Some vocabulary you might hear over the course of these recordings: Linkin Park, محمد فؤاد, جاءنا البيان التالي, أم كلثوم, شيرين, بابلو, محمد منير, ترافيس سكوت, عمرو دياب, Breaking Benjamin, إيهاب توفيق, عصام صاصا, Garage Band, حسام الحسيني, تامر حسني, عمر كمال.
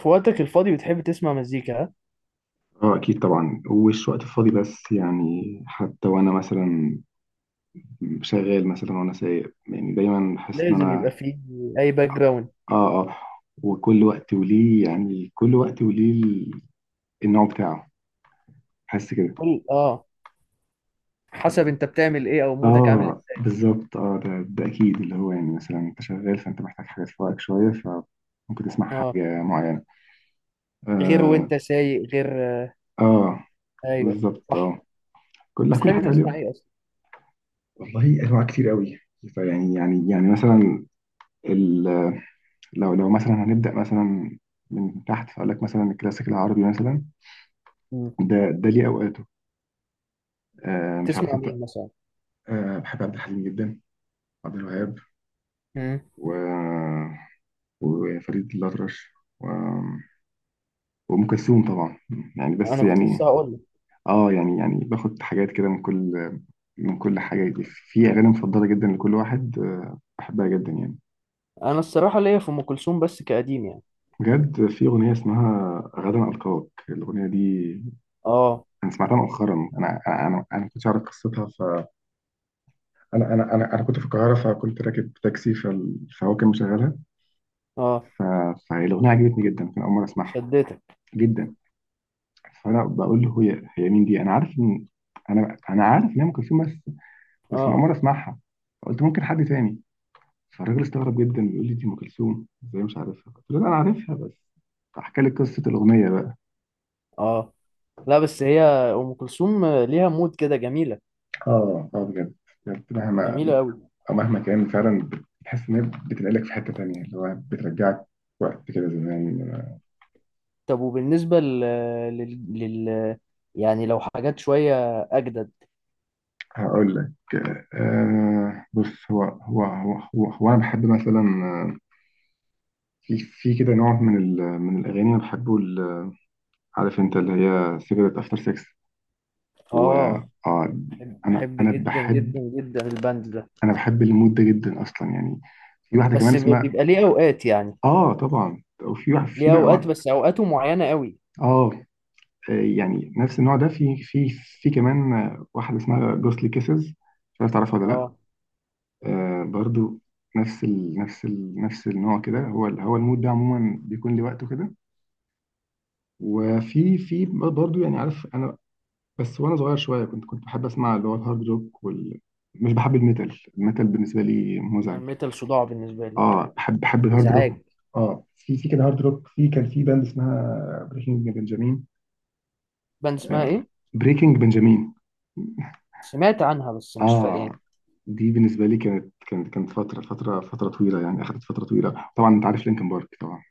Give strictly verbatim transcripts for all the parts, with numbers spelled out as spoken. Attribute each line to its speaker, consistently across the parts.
Speaker 1: في وقتك الفاضي بتحب تسمع مزيكا ها؟
Speaker 2: اه، اكيد طبعا. وش وقت فاضي؟ بس يعني حتى وانا مثلا شغال، مثلا وانا سايق، يعني دايما بحس ان
Speaker 1: لازم يبقى
Speaker 2: انا.
Speaker 1: فيه اي باك جراوند.
Speaker 2: اه. اه. وكل وقت وليه، يعني كل وقت وليه ال- النوع بتاعه. بحس كده.
Speaker 1: كل اه حسب انت بتعمل ايه او مودك عامل
Speaker 2: اه
Speaker 1: ازاي؟
Speaker 2: بالظبط. اه ده, ده اكيد اللي هو يعني مثلا انت شغال فانت محتاج حاجه تفوقك شويه فممكن تسمع
Speaker 1: اه،
Speaker 2: حاجه معينه.
Speaker 1: غير
Speaker 2: اه.
Speaker 1: وانت سايق غير. آه.
Speaker 2: اه
Speaker 1: ايوه،
Speaker 2: بالظبط.
Speaker 1: صح.
Speaker 2: اه كل كل
Speaker 1: بتحب
Speaker 2: حاجه
Speaker 1: تسمع
Speaker 2: ليه.
Speaker 1: ايه اصلا؟
Speaker 2: والله انواع كتير قوي. فيعني يعني يعني مثلا، لو لو مثلا هنبدأ مثلا من تحت فأقول لك مثلا الكلاسيك العربي مثلا.
Speaker 1: مم.
Speaker 2: ده ده ليه أوقاته. آه مش عارف
Speaker 1: تسمع
Speaker 2: أنت.
Speaker 1: مين مثلا؟
Speaker 2: آه بحب عبد الحليم جدا، عبد الوهاب،
Speaker 1: مم.
Speaker 2: و... وفريد الأطرش، و... وأم كلثوم طبعا. يعني بس
Speaker 1: انا كنت لسه
Speaker 2: يعني.
Speaker 1: هقول لك،
Speaker 2: اه يعني يعني باخد حاجات كده من كل، من كل حاجة دي. في أغاني مفضلة جدا لكل واحد، آه بحبها جدا يعني.
Speaker 1: انا الصراحه ليا في ام كلثوم بس كقديم يعني.
Speaker 2: بجد في أغنية اسمها غدا ألقاك. الأغنية دي
Speaker 1: اه
Speaker 2: أنا سمعتها مؤخرا. أنا أنا أنا أنا ما كنتش أعرف قصتها. انا انا انا انا كنت في القاهره، فكنت راكب تاكسي فال- فهو كان مشغلها.
Speaker 1: اه،
Speaker 2: ف- فالاغنيه عجبتني جدا. كان اول مره اسمعها.
Speaker 1: شدتك.
Speaker 2: جدا. فانا بقول له هي هي مين دي؟ انا عارف ان انا انا عارف ان هي ام كلثوم، بس بس انا اول
Speaker 1: اه
Speaker 2: مره اسمعها. فقلت ممكن حد تاني. فالراجل استغرب جدا بيقول لي دي ام كلثوم ازاي مش عارفها. قلت له لا انا عارفها بس احكي لي قصه الاغنيه بقى.
Speaker 1: اه، لا بس هي ام كلثوم ليها مود كده جميله،
Speaker 2: اه. اه بجد. بجد
Speaker 1: جميله
Speaker 2: مهما،
Speaker 1: قوي.
Speaker 2: أو مهما كان فعلا بتحس ان هي بتنقلك في حته تانيه، اللي هو بترجعك وقت كده زمان.
Speaker 1: طب وبالنسبة لل... لل... لل... يعني لو حاجات شوية أجدد؟
Speaker 2: هقول لك. آه بص، هو هو هو هو, هو انا بحب مثلا. آه، في في كده نوع من ال من الاغاني انا بحبه ال- عارف انت اللي هي سيجرت افتر سكس. و
Speaker 1: آه،
Speaker 2: آه
Speaker 1: بحب
Speaker 2: انا
Speaker 1: بحب
Speaker 2: انا
Speaker 1: جدا
Speaker 2: بحب،
Speaker 1: جدا جدا البند ده.
Speaker 2: انا بحب المود ده جدا اصلا يعني. في واحده كمان
Speaker 1: بس ب-
Speaker 2: اسمها.
Speaker 1: بيبقى ليه أوقات يعني،
Speaker 2: اه طبعا. وفي واحد في
Speaker 1: ليه
Speaker 2: بقى
Speaker 1: أوقات
Speaker 2: وقت.
Speaker 1: بس أوقاته معينة قوي.
Speaker 2: اه. آه، يعني نفس النوع ده في في في كمان، آه، واحده اسمها جوستلي كيسز. مش عارف تعرفها ولا لا.
Speaker 1: آه.
Speaker 2: آه برضو. نفس ال نفس ال نفس النوع كده. هو ال- هو المود ده عموما بيكون لوقته كده. وفي في برضو، يعني عارف انا، بس وانا صغير شويه كنت كنت بحب اسمع اللي هو الهارد روك وال... مش بحب الميتال، الميتال بالنسبه لي مزعج.
Speaker 1: الميتال صداع بالنسبة لي،
Speaker 2: اه بحب بحب الهارد روك.
Speaker 1: إزعاج.
Speaker 2: اه في في كده هارد روك، في كان في باند اسمها بريكنج بنجامين.
Speaker 1: باند اسمها
Speaker 2: آه،
Speaker 1: إيه؟
Speaker 2: بريكنج بنجامين.
Speaker 1: سمعت عنها بس مش فاهم
Speaker 2: اه
Speaker 1: يعني.
Speaker 2: دي بالنسبه لي كانت كانت كانت فتره فتره فتره طويله يعني. اخذت فتره طويله. طبعا انت عارف لينكن بارك طبعا.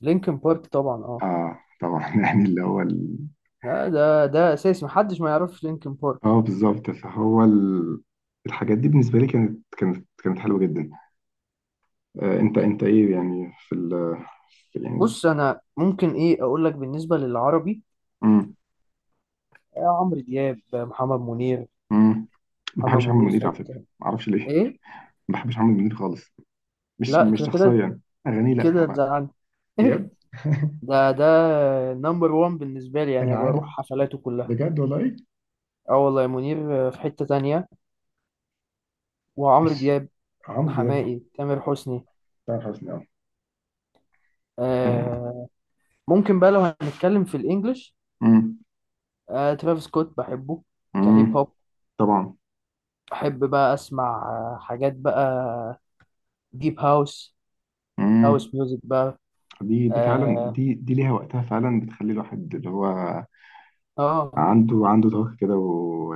Speaker 1: لينكن بارك طبعا، آه.
Speaker 2: اه طبعا يعني اللي هو ال...
Speaker 1: لا، ده ده أساسي، محدش ما يعرفش لينكن بارك.
Speaker 2: اه بالظبط. فهو ال... الحاجات دي بالنسبة لي كانت كانت كانت حلوة جدا. آه انت انت ايه يعني في ال، في يعني.
Speaker 1: بص، أنا ممكن إيه أقول لك؟ بالنسبة للعربي،
Speaker 2: امم.
Speaker 1: آه، عمرو دياب، آه، محمد منير.
Speaker 2: امم. ما
Speaker 1: محمد
Speaker 2: بحبش عمرو
Speaker 1: منير في
Speaker 2: منير على فكرة.
Speaker 1: حتة
Speaker 2: ما اعرفش ليه.
Speaker 1: إيه؟
Speaker 2: ما بحبش عمرو منير خالص. مش
Speaker 1: لا
Speaker 2: مش
Speaker 1: كده، كده
Speaker 2: شخصيا، اغانيه. لا ما
Speaker 1: كده
Speaker 2: بقى.
Speaker 1: تزعلني.
Speaker 2: بجد
Speaker 1: ده ده نمبر وان بالنسبة لي،
Speaker 2: انا
Speaker 1: يعني
Speaker 2: عارف.
Speaker 1: بروح حفلاته كلها.
Speaker 2: بجد والله.
Speaker 1: اه والله، منير في حتة تانية. وعمرو
Speaker 2: مش.
Speaker 1: دياب،
Speaker 2: عمرو دياب.
Speaker 1: حماقي، تامر حسني.
Speaker 2: تامر حسني اه. آه.
Speaker 1: آه. ممكن بقى لو هنتكلم في الانجليش،
Speaker 2: امم.
Speaker 1: آه ترافيس سكوت بحبه، كهيب
Speaker 2: امم.
Speaker 1: هوب.
Speaker 2: طبعا.
Speaker 1: بحب بقى اسمع آه، حاجات بقى، ديب هاوس،
Speaker 2: امم.
Speaker 1: هاوس ميوزك بقى.
Speaker 2: دي دي فعلا،
Speaker 1: اه،
Speaker 2: دي دي ليها وقتها فعلا. بتخلي الواحد اللي هو
Speaker 1: آه.
Speaker 2: عنده عنده طاقة كده و...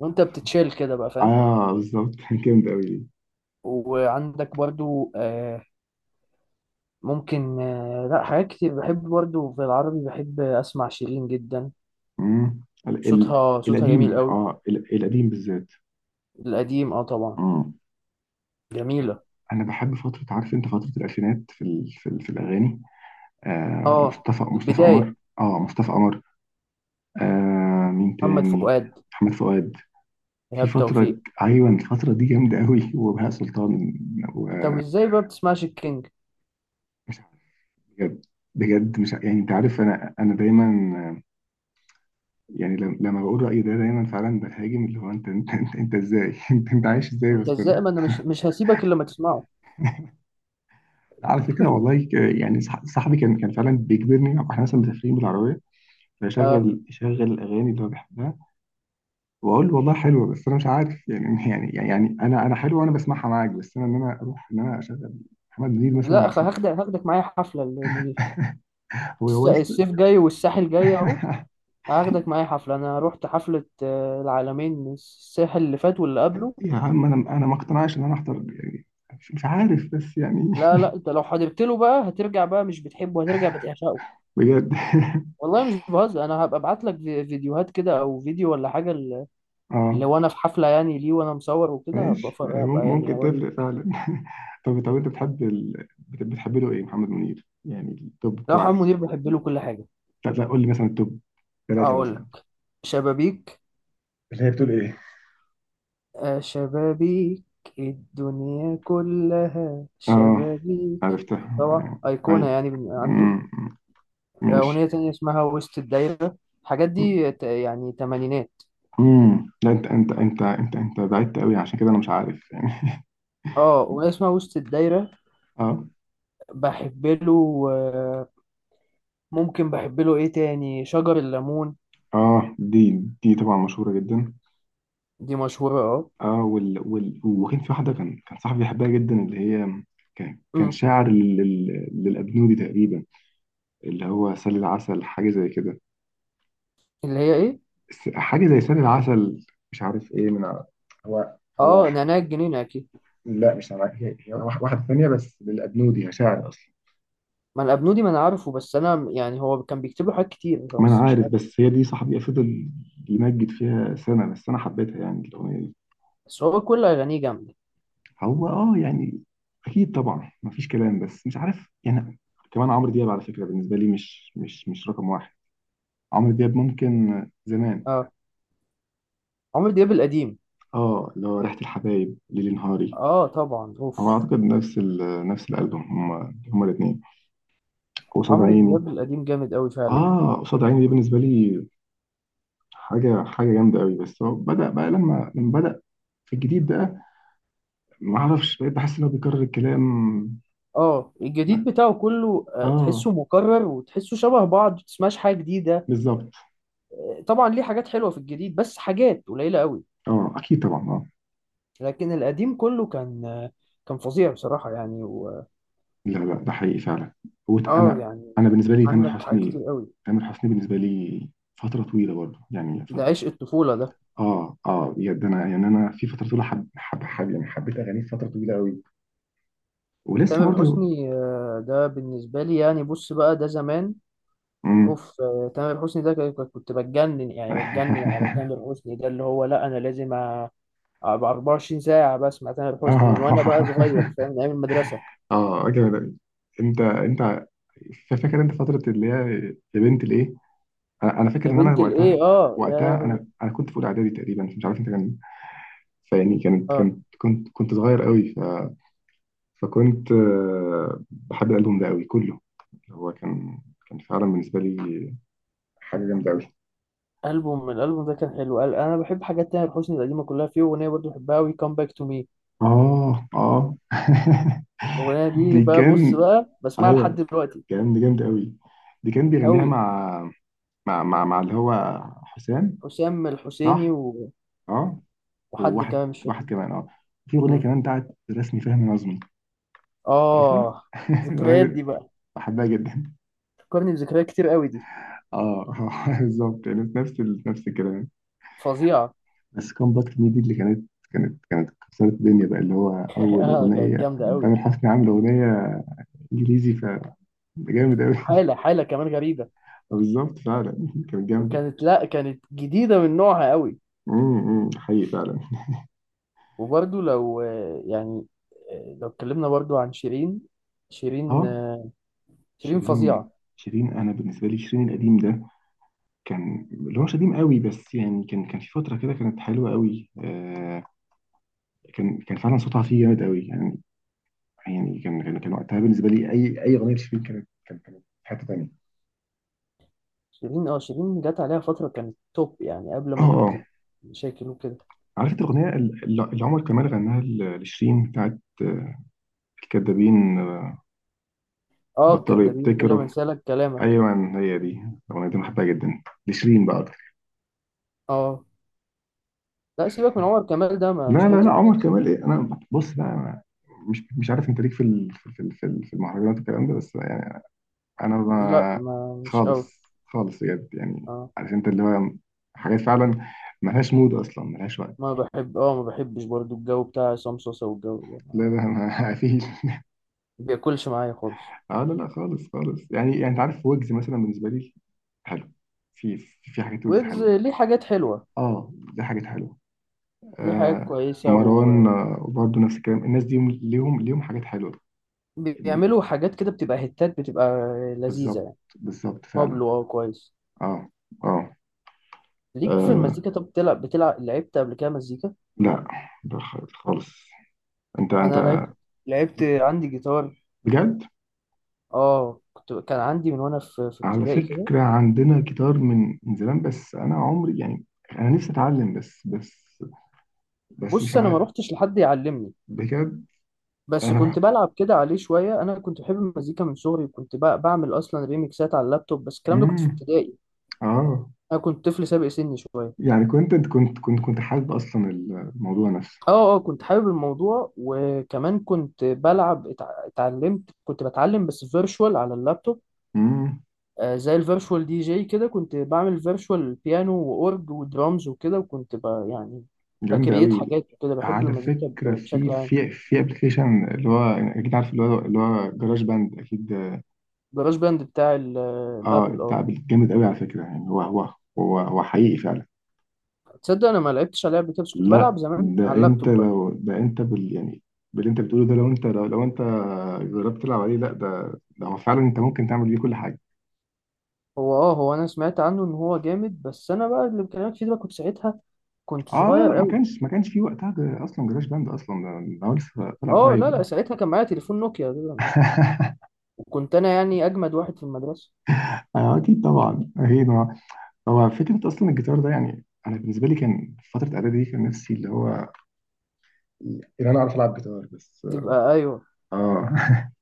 Speaker 1: وانت بتتشيل كده بقى، فاهم.
Speaker 2: اه بالظبط كان جامد قوي دي.
Speaker 1: وعندك برضو آه، ممكن آه، لا حاجات كتير بحب برضه. في العربي بحب اسمع شيرين جدا،
Speaker 2: مم. ال... ال...
Speaker 1: صوتها صوتها جميل
Speaker 2: القديم،
Speaker 1: قوي.
Speaker 2: اه، ال... القديم بالذات.
Speaker 1: القديم اه طبعا.
Speaker 2: مم.
Speaker 1: جميلة.
Speaker 2: انا بحب فترة، عارف انت، فترة الالفينات في ال... في, ال... في الاغاني. آه
Speaker 1: اه،
Speaker 2: مصطفى مصطفى
Speaker 1: البداية.
Speaker 2: قمر. اه مصطفى قمر. آه مين
Speaker 1: محمد
Speaker 2: تاني؟
Speaker 1: فؤاد.
Speaker 2: محمد فؤاد. في
Speaker 1: إيهاب
Speaker 2: فترة
Speaker 1: توفيق.
Speaker 2: ك- ايوه الفترة دي جامدة قوي وبهاء سلطان،
Speaker 1: طب
Speaker 2: ومش
Speaker 1: ازاي بقى بتسمعش الكينج؟
Speaker 2: عارف. بجد. بجد مش ع- يعني انت عارف. انا انا دايما، يعني لم- لما بقول رأيي ده دايما فعلا بهاجم اللي هو: انت، انت انت, انت ازاي؟ انت, انت عايش ازاي
Speaker 1: انت
Speaker 2: اصلا؟
Speaker 1: ازاي؟ ما انا مش مش هسيبك الا ما تسمعه.
Speaker 2: على فكرة والله ك- يعني صح- صاحبي كان كان فعلا بيجبرني، واحنا مثلا مسافرين بالعربية،
Speaker 1: آه
Speaker 2: فيشغل يشغل الاغاني اللي هو بيحبها. واقول له والله حلوه بس انا مش عارف يعني يعني يعني انا انا حلوه وانا بسمعها معاك، بس انا، ان انا اروح ان انا اشغل محمد منير مثلا
Speaker 1: لا، خ-
Speaker 2: عشان
Speaker 1: هاخدك هاخدك معايا حفلة المنير.
Speaker 2: هو
Speaker 1: الس-
Speaker 2: هو
Speaker 1: الصيف
Speaker 2: لسه.
Speaker 1: جاي والساحل جاي اهو. هاخدك معايا حفلة، انا رحت حفلة آه، العالمين الساحل اللي فات واللي قبله.
Speaker 2: يا عم انا انا ما اقتنعش ان انا احضر يعني. مش مش عارف، بس يعني.
Speaker 1: لا لا، انت لو حضرت له بقى هترجع. بقى مش بتحبه، هترجع بتعشقه.
Speaker 2: بجد
Speaker 1: والله مش بهزر، انا هبقى ابعت لك في- فيديوهات كده او فيديو ولا حاجه، ل-
Speaker 2: اه
Speaker 1: لو انا في حفله يعني ليه، وانا مصور وكده، هبقى
Speaker 2: ماشي.
Speaker 1: ف-
Speaker 2: يعني مم-
Speaker 1: هبقى يعني
Speaker 2: ممكن
Speaker 1: اوريك.
Speaker 2: تفرق فعلا طب طب انت بتحب ال...، بت- بتحب له ايه محمد منير، يعني التوب
Speaker 1: ده محمد
Speaker 2: بتوعك؟
Speaker 1: منير بحب له كل حاجه.
Speaker 2: لا لا قول لي مثلا التوب ثلاثة
Speaker 1: اقول
Speaker 2: مثلا.
Speaker 1: لك: شبابيك.
Speaker 2: اللي هي بتقول ايه؟
Speaker 1: آه، شبابيك. الدنيا كلها
Speaker 2: اه
Speaker 1: شبابيك. طبعا
Speaker 2: عرفتها.
Speaker 1: أيقونة
Speaker 2: ايوه.
Speaker 1: يعني من عنده.
Speaker 2: مم.
Speaker 1: آه، أغنية
Speaker 2: ماشي.
Speaker 1: تانية اسمها وسط الدايرة. الحاجات دي ت- يعني تمانينات.
Speaker 2: امم. لا، انت انت انت انت انت بعدت قوي عشان كده انا مش عارف يعني.
Speaker 1: اه، أغنية اسمها وسط الدايرة.
Speaker 2: اه.
Speaker 1: بحب له آه، ممكن بحب له ايه تاني؟ شجر الليمون.
Speaker 2: اه دي دي طبعا مشهورة جدا.
Speaker 1: دي مشهورة اه.
Speaker 2: اه وال وال... وكان في واحدة. كان كان صاحبي بيحبها جدا اللي هي، كان كان
Speaker 1: أمم.
Speaker 2: شاعر لل..., لل- للأبنودي تقريبا. اللي هو سل العسل، حاجة زي كده.
Speaker 1: اللي هي ايه؟
Speaker 2: س- حاجة زي سل العسل. مش عارف ايه من ع- هو هو
Speaker 1: اه،
Speaker 2: ح-
Speaker 1: نعناع الجنينة اكيد.
Speaker 2: لا مش عارف. هي هي واح- واحدة ثانية. بس للأبنودي شاعر أصلا.
Speaker 1: ما الابنودي ما انا عارفه، بس انا يعني هو كان بيكتب له حاجات كتير،
Speaker 2: ما أنا
Speaker 1: بس مش
Speaker 2: عارف،
Speaker 1: عارف.
Speaker 2: بس هي دي صاحبي فضل يمجد فيها سنة. بس أنا حبيتها يعني الأغنية دي.
Speaker 1: بس هو كل اغانيه جامدة.
Speaker 2: هو اه يعني أكيد طبعا مفيش كلام، بس مش عارف يعني. كمان عمرو دياب على فكرة بالنسبة لي مش مش مش رقم واحد. عمرو دياب ممكن زمان.
Speaker 1: اه، عمرو دياب القديم.
Speaker 2: اه اللي هو ريحة الحبايب، ليلي نهاري.
Speaker 1: اه طبعا،
Speaker 2: هو
Speaker 1: اوف.
Speaker 2: اعتقد نفس ال نفس الالبوم. هما هما الاثنين قصاد
Speaker 1: عمرو
Speaker 2: عيني.
Speaker 1: دياب القديم جامد قوي فعلا.
Speaker 2: اه قصاد عيني دي بالنسبه لي حاجه حاجه جامده قوي. بس هو بدا بقى، لما لما بدا في الجديد بقى، ما اعرفش، بقيت بحس ان هو بيكرر الكلام.
Speaker 1: اه، الجديد
Speaker 2: ما-
Speaker 1: بتاعه كله آه،
Speaker 2: اه
Speaker 1: تحسه مكرر وتحسه شبه بعض، متسمعش حاجة جديدة.
Speaker 2: بالظبط.
Speaker 1: آه، طبعا ليه حاجات حلوة في الجديد، بس حاجات قليلة قوي.
Speaker 2: اه اكيد طبعا اه.
Speaker 1: لكن القديم كله كان آه، كان فظيع بصراحة يعني، و...
Speaker 2: لا لا ده حقيقي فعلا. هو
Speaker 1: اه
Speaker 2: انا،
Speaker 1: يعني،
Speaker 2: انا بالنسبه لي تامر
Speaker 1: عندك حاجات
Speaker 2: حسني،
Speaker 1: كتير قوي.
Speaker 2: تامر حسني بالنسبه لي فتره طويله برضه يعني ف...
Speaker 1: ده عشق الطفولة ده.
Speaker 2: اه. اه بجد. انا يعني انا في فتره طويله، حب حب, حب يعني، حبيت اغانيه فتره طويله قوي ولسه
Speaker 1: تامر
Speaker 2: برضه.
Speaker 1: حسني آه، ده بالنسبة لي يعني، بص بقى، ده زمان. اوف آه، تامر حسني ده كان- كنت بتجنن، يعني بتجنن على تامر حسني ده. اللي هو لا، انا لازم أ- ابقى اربعة وعشرين ساعة بسمع تامر حسني،
Speaker 2: اه
Speaker 1: من وانا بقى صغير فاهم، من ايام المدرسة.
Speaker 2: اه جامد أوي. انت انت ف- فاكر انت فتره اللي هي يا بنت الايه؟ انا أنا فاكر
Speaker 1: يا
Speaker 2: ان انا
Speaker 1: بنت الايه،
Speaker 2: وقتها،
Speaker 1: اه يا
Speaker 2: وقتها
Speaker 1: لهوي.
Speaker 2: انا انا كنت في اولى اعدادي تقريبا، مش عارف انت كان، فيعني كانت
Speaker 1: اه،
Speaker 2: كنت كنت كنت صغير قوي. ف، فكنت آه، بحب الالبوم ده قوي كله. هو كان، كان فعلا بالنسبه لي حاجه جامده قوي.
Speaker 1: البوم الالبوم ده كان حلو، قال- انا بحب حاجات تامر حسني القديمة كلها. فيه اغنية برضه بحبها، وي كام باك تو مي.
Speaker 2: اه. اه
Speaker 1: الاغنية دي
Speaker 2: دي
Speaker 1: بقى، بص
Speaker 2: كان.
Speaker 1: بقى، بسمعها لحد
Speaker 2: ايوه،
Speaker 1: دلوقتي.
Speaker 2: كان دي جامده قوي. دي كان بيغنيها
Speaker 1: قوي.
Speaker 2: مع، مع مع مع اللي هو حسام.
Speaker 1: حسام الحسيني
Speaker 2: صح.
Speaker 1: و...
Speaker 2: اه.
Speaker 1: وحد
Speaker 2: وواحد
Speaker 1: كمان مش فاكر.
Speaker 2: واحد كمان اه. في اغنيه كمان بتاعت رسمي فهمي نظمي. عارفها
Speaker 1: اه،
Speaker 2: الأغنية
Speaker 1: ذكريات دي
Speaker 2: دي
Speaker 1: بقى،
Speaker 2: بحبها جدا.
Speaker 1: فكرني بذكريات كتير قوي دي.
Speaker 2: اه آه، بالظبط يعني نفس ال..., نفس الكلام.
Speaker 1: فظيعه.
Speaker 2: بس كومباكت مي دي، اللي كانت كانت كانت كسرت الدنيا بقى اللي هو اول
Speaker 1: اه كانت
Speaker 2: اغنيه
Speaker 1: جامده قوي.
Speaker 2: تامر حسني عامل اغنيه انجليزي. فده جامد قوي
Speaker 1: حاله، حاله كمان غريبه.
Speaker 2: بالظبط فعلا. كانت جامده.
Speaker 1: كانت لا كانت جديده من نوعها قوي.
Speaker 2: امم. أمم، حقيقي فعلا.
Speaker 1: وبرده لو آه، يعني آه، لو اتكلمنا برده عن شيرين، شيرين
Speaker 2: اه.
Speaker 1: آه، شيرين
Speaker 2: شيرين.
Speaker 1: فظيعه.
Speaker 2: شيرين انا بالنسبه لي شيرين القديم ده كان اللي هو مش قديم قوي، بس يعني كان كان في فترة كده كانت حلوة قوي آه. كان كان فعلا صوتها فيه جامد قوي يعني. يعني كان كان كان وقتها بالنسبة لي، أي أي أغنية لشيرين كانت كانت كانت في حتة تانية.
Speaker 1: شيرين اه شيرين جت عليها فتره كانت توب، يعني قبل
Speaker 2: اه.
Speaker 1: ما
Speaker 2: اه.
Speaker 1: تشكل وكده.
Speaker 2: عارف انت الأغنية الل- اللي عمر كمال غناها ل- لشيرين، بتاعت آه، الكدابين. آه،
Speaker 1: اه،
Speaker 2: بطلوا
Speaker 1: الكدابين، كل ما
Speaker 2: يبتكروا.
Speaker 1: انسالك كلامك.
Speaker 2: أيوة هي دي الأغنية دي. أنا بحبها جدا لشيرين بقى أكتر.
Speaker 1: اه لا، سيبك من عمر كمال ده، ما
Speaker 2: لا
Speaker 1: مش
Speaker 2: لا لا،
Speaker 1: مطرب
Speaker 2: عمر
Speaker 1: اساسا.
Speaker 2: كمال إيه، أنا بص بقى، أنا مش مش عارف أنت ليك في ال- في ال- في ال- في المهرجانات والكلام ده، بس يعني انا
Speaker 1: لا،
Speaker 2: ما.
Speaker 1: ما مش قوي.
Speaker 2: خالص خالص بجد يعني.
Speaker 1: آه.
Speaker 2: عارف انت اللي هو حاجات فعلا ملهاش مود اصلا، ملهاش وقت.
Speaker 1: ما بحب اه ما بحبش برضو الجو بتاع عصام صاصا والجو ده، ما
Speaker 2: لا لا ما فيش.
Speaker 1: بياكلش معايا خالص.
Speaker 2: اه لا لا خالص خالص، يعني يعني انت عارف ويجز مثلا بالنسبه لي حلو. في في في حاجات ويجز
Speaker 1: ويجز
Speaker 2: حلوه.
Speaker 1: ليه حاجات حلوة،
Speaker 2: اه دي حاجات حلوه.
Speaker 1: ليه حاجات
Speaker 2: آه.
Speaker 1: كويسة،
Speaker 2: مروان آه، برضه نفس الكلام. الناس دي ليهم ليهم حاجات حلوه. إن-
Speaker 1: وبيعملوا حاجات كده بتبقى هتات، بتبقى لذيذة
Speaker 2: بالظبط
Speaker 1: يعني.
Speaker 2: بالظبط فعلا.
Speaker 1: بابلو اه كويس.
Speaker 2: اه. اه.
Speaker 1: ليك في
Speaker 2: آه،
Speaker 1: المزيكا؟ طب بتلعب بتلعب لعبت قبل كده مزيكا؟
Speaker 2: لا لا خالص. انت انت
Speaker 1: انا لعبت، لعبت عندي جيتار.
Speaker 2: بجد.
Speaker 1: اه كنت كان عندي من وانا في في
Speaker 2: على
Speaker 1: ابتدائي كده.
Speaker 2: فكرة عندنا جيتار من من زمان، بس أنا عمري يعني. أنا نفسي أتعلم، بس بس بس مش
Speaker 1: بص انا ما
Speaker 2: عارف.
Speaker 1: روحتش لحد يعلمني،
Speaker 2: بجد.
Speaker 1: بس كنت
Speaker 2: أنا.
Speaker 1: بلعب كده عليه شوية. أنا كنت بحب المزيكا من صغري، وكنت ب- بعمل أصلا ريميكسات على اللابتوب، بس الكلام ده كنت في
Speaker 2: مم.
Speaker 1: ابتدائي.
Speaker 2: آه.
Speaker 1: انا كنت طفل سابق سني شويه.
Speaker 2: يعني كنت كنت كنت كنت حابب أصلا الموضوع نفسه.
Speaker 1: اه اه، كنت حابب الموضوع، وكمان كنت بلعب، اتع- اتعلمت، كنت بتعلم بس فيرشوال على اللابتوب.
Speaker 2: مم.
Speaker 1: آه، زي الفيرشوال دي جي كده، كنت بعمل فيرشوال بيانو واورج ودرامز وكده، وكنت ب يعني
Speaker 2: جامد
Speaker 1: بكريت
Speaker 2: أوي.
Speaker 1: حاجات وكده، بحب
Speaker 2: على
Speaker 1: المزيكا ب-
Speaker 2: فكرة في
Speaker 1: بشكل عام.
Speaker 2: في في أبلكيشن اللي هو أكيد عارف، اللي هو اللي هو جراج باند أكيد.
Speaker 1: جراج باند بتاع ال-
Speaker 2: آه
Speaker 1: الابل، اه.
Speaker 2: بتاع، جامد أوي على فكرة. يعني هو هو، هو هو حقيقي فعلا.
Speaker 1: تصدق انا ما لعبتش على لعبه كده، بس كنت بلعب
Speaker 2: لا
Speaker 1: زمان
Speaker 2: ده
Speaker 1: على
Speaker 2: انت
Speaker 1: اللابتوب بقى.
Speaker 2: لو ده انت بال يعني، باللي انت بتقوله ده، لو انت، لو, لو انت جربت تلعب عليه، لا ده، ده هو فعلا انت ممكن تعمل بيه كل حاجه.
Speaker 1: هو اه، هو انا سمعت عنه ان هو جامد، بس انا بقى اللي بكلمك فيه ده كنت ساعتها كنت
Speaker 2: اه لا لا،
Speaker 1: صغير
Speaker 2: ما
Speaker 1: قوي.
Speaker 2: كانش ما كانش في وقتها، جر- اصلا جراج باند اصلا ده، ده هو لسه طلع
Speaker 1: اه
Speaker 2: قريب
Speaker 1: لا لا،
Speaker 2: يعني.
Speaker 1: ساعتها كان معايا تليفون نوكيا ده. وكنت انا يعني اجمد واحد في المدرسه.
Speaker 2: آه اكيد طبعا اكيد آه. هو فكره اصلا الجيتار ده يعني انا بالنسبه لي كان في فتره اعدادي دي، كان نفسي اللي هو ان انا اعرف العب جيتار بس.
Speaker 1: تبقى ايوه.
Speaker 2: اه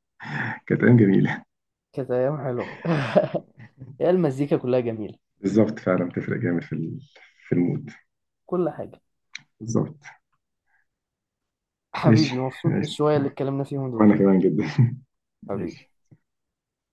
Speaker 2: كانت ايام جميله.
Speaker 1: كانت ايام حلوه. يا المزيكا كلها جميله،
Speaker 2: بالظبط فعلا بتفرق جامد في ال- في المود.
Speaker 1: كل حاجه.
Speaker 2: بالظبط. ماشي.
Speaker 1: حبيبي مبسوط
Speaker 2: ماشي
Speaker 1: بالشويه اللي اتكلمنا فيهم دول.
Speaker 2: وانا كمان جدا.
Speaker 1: حبيبي.
Speaker 2: ماشي.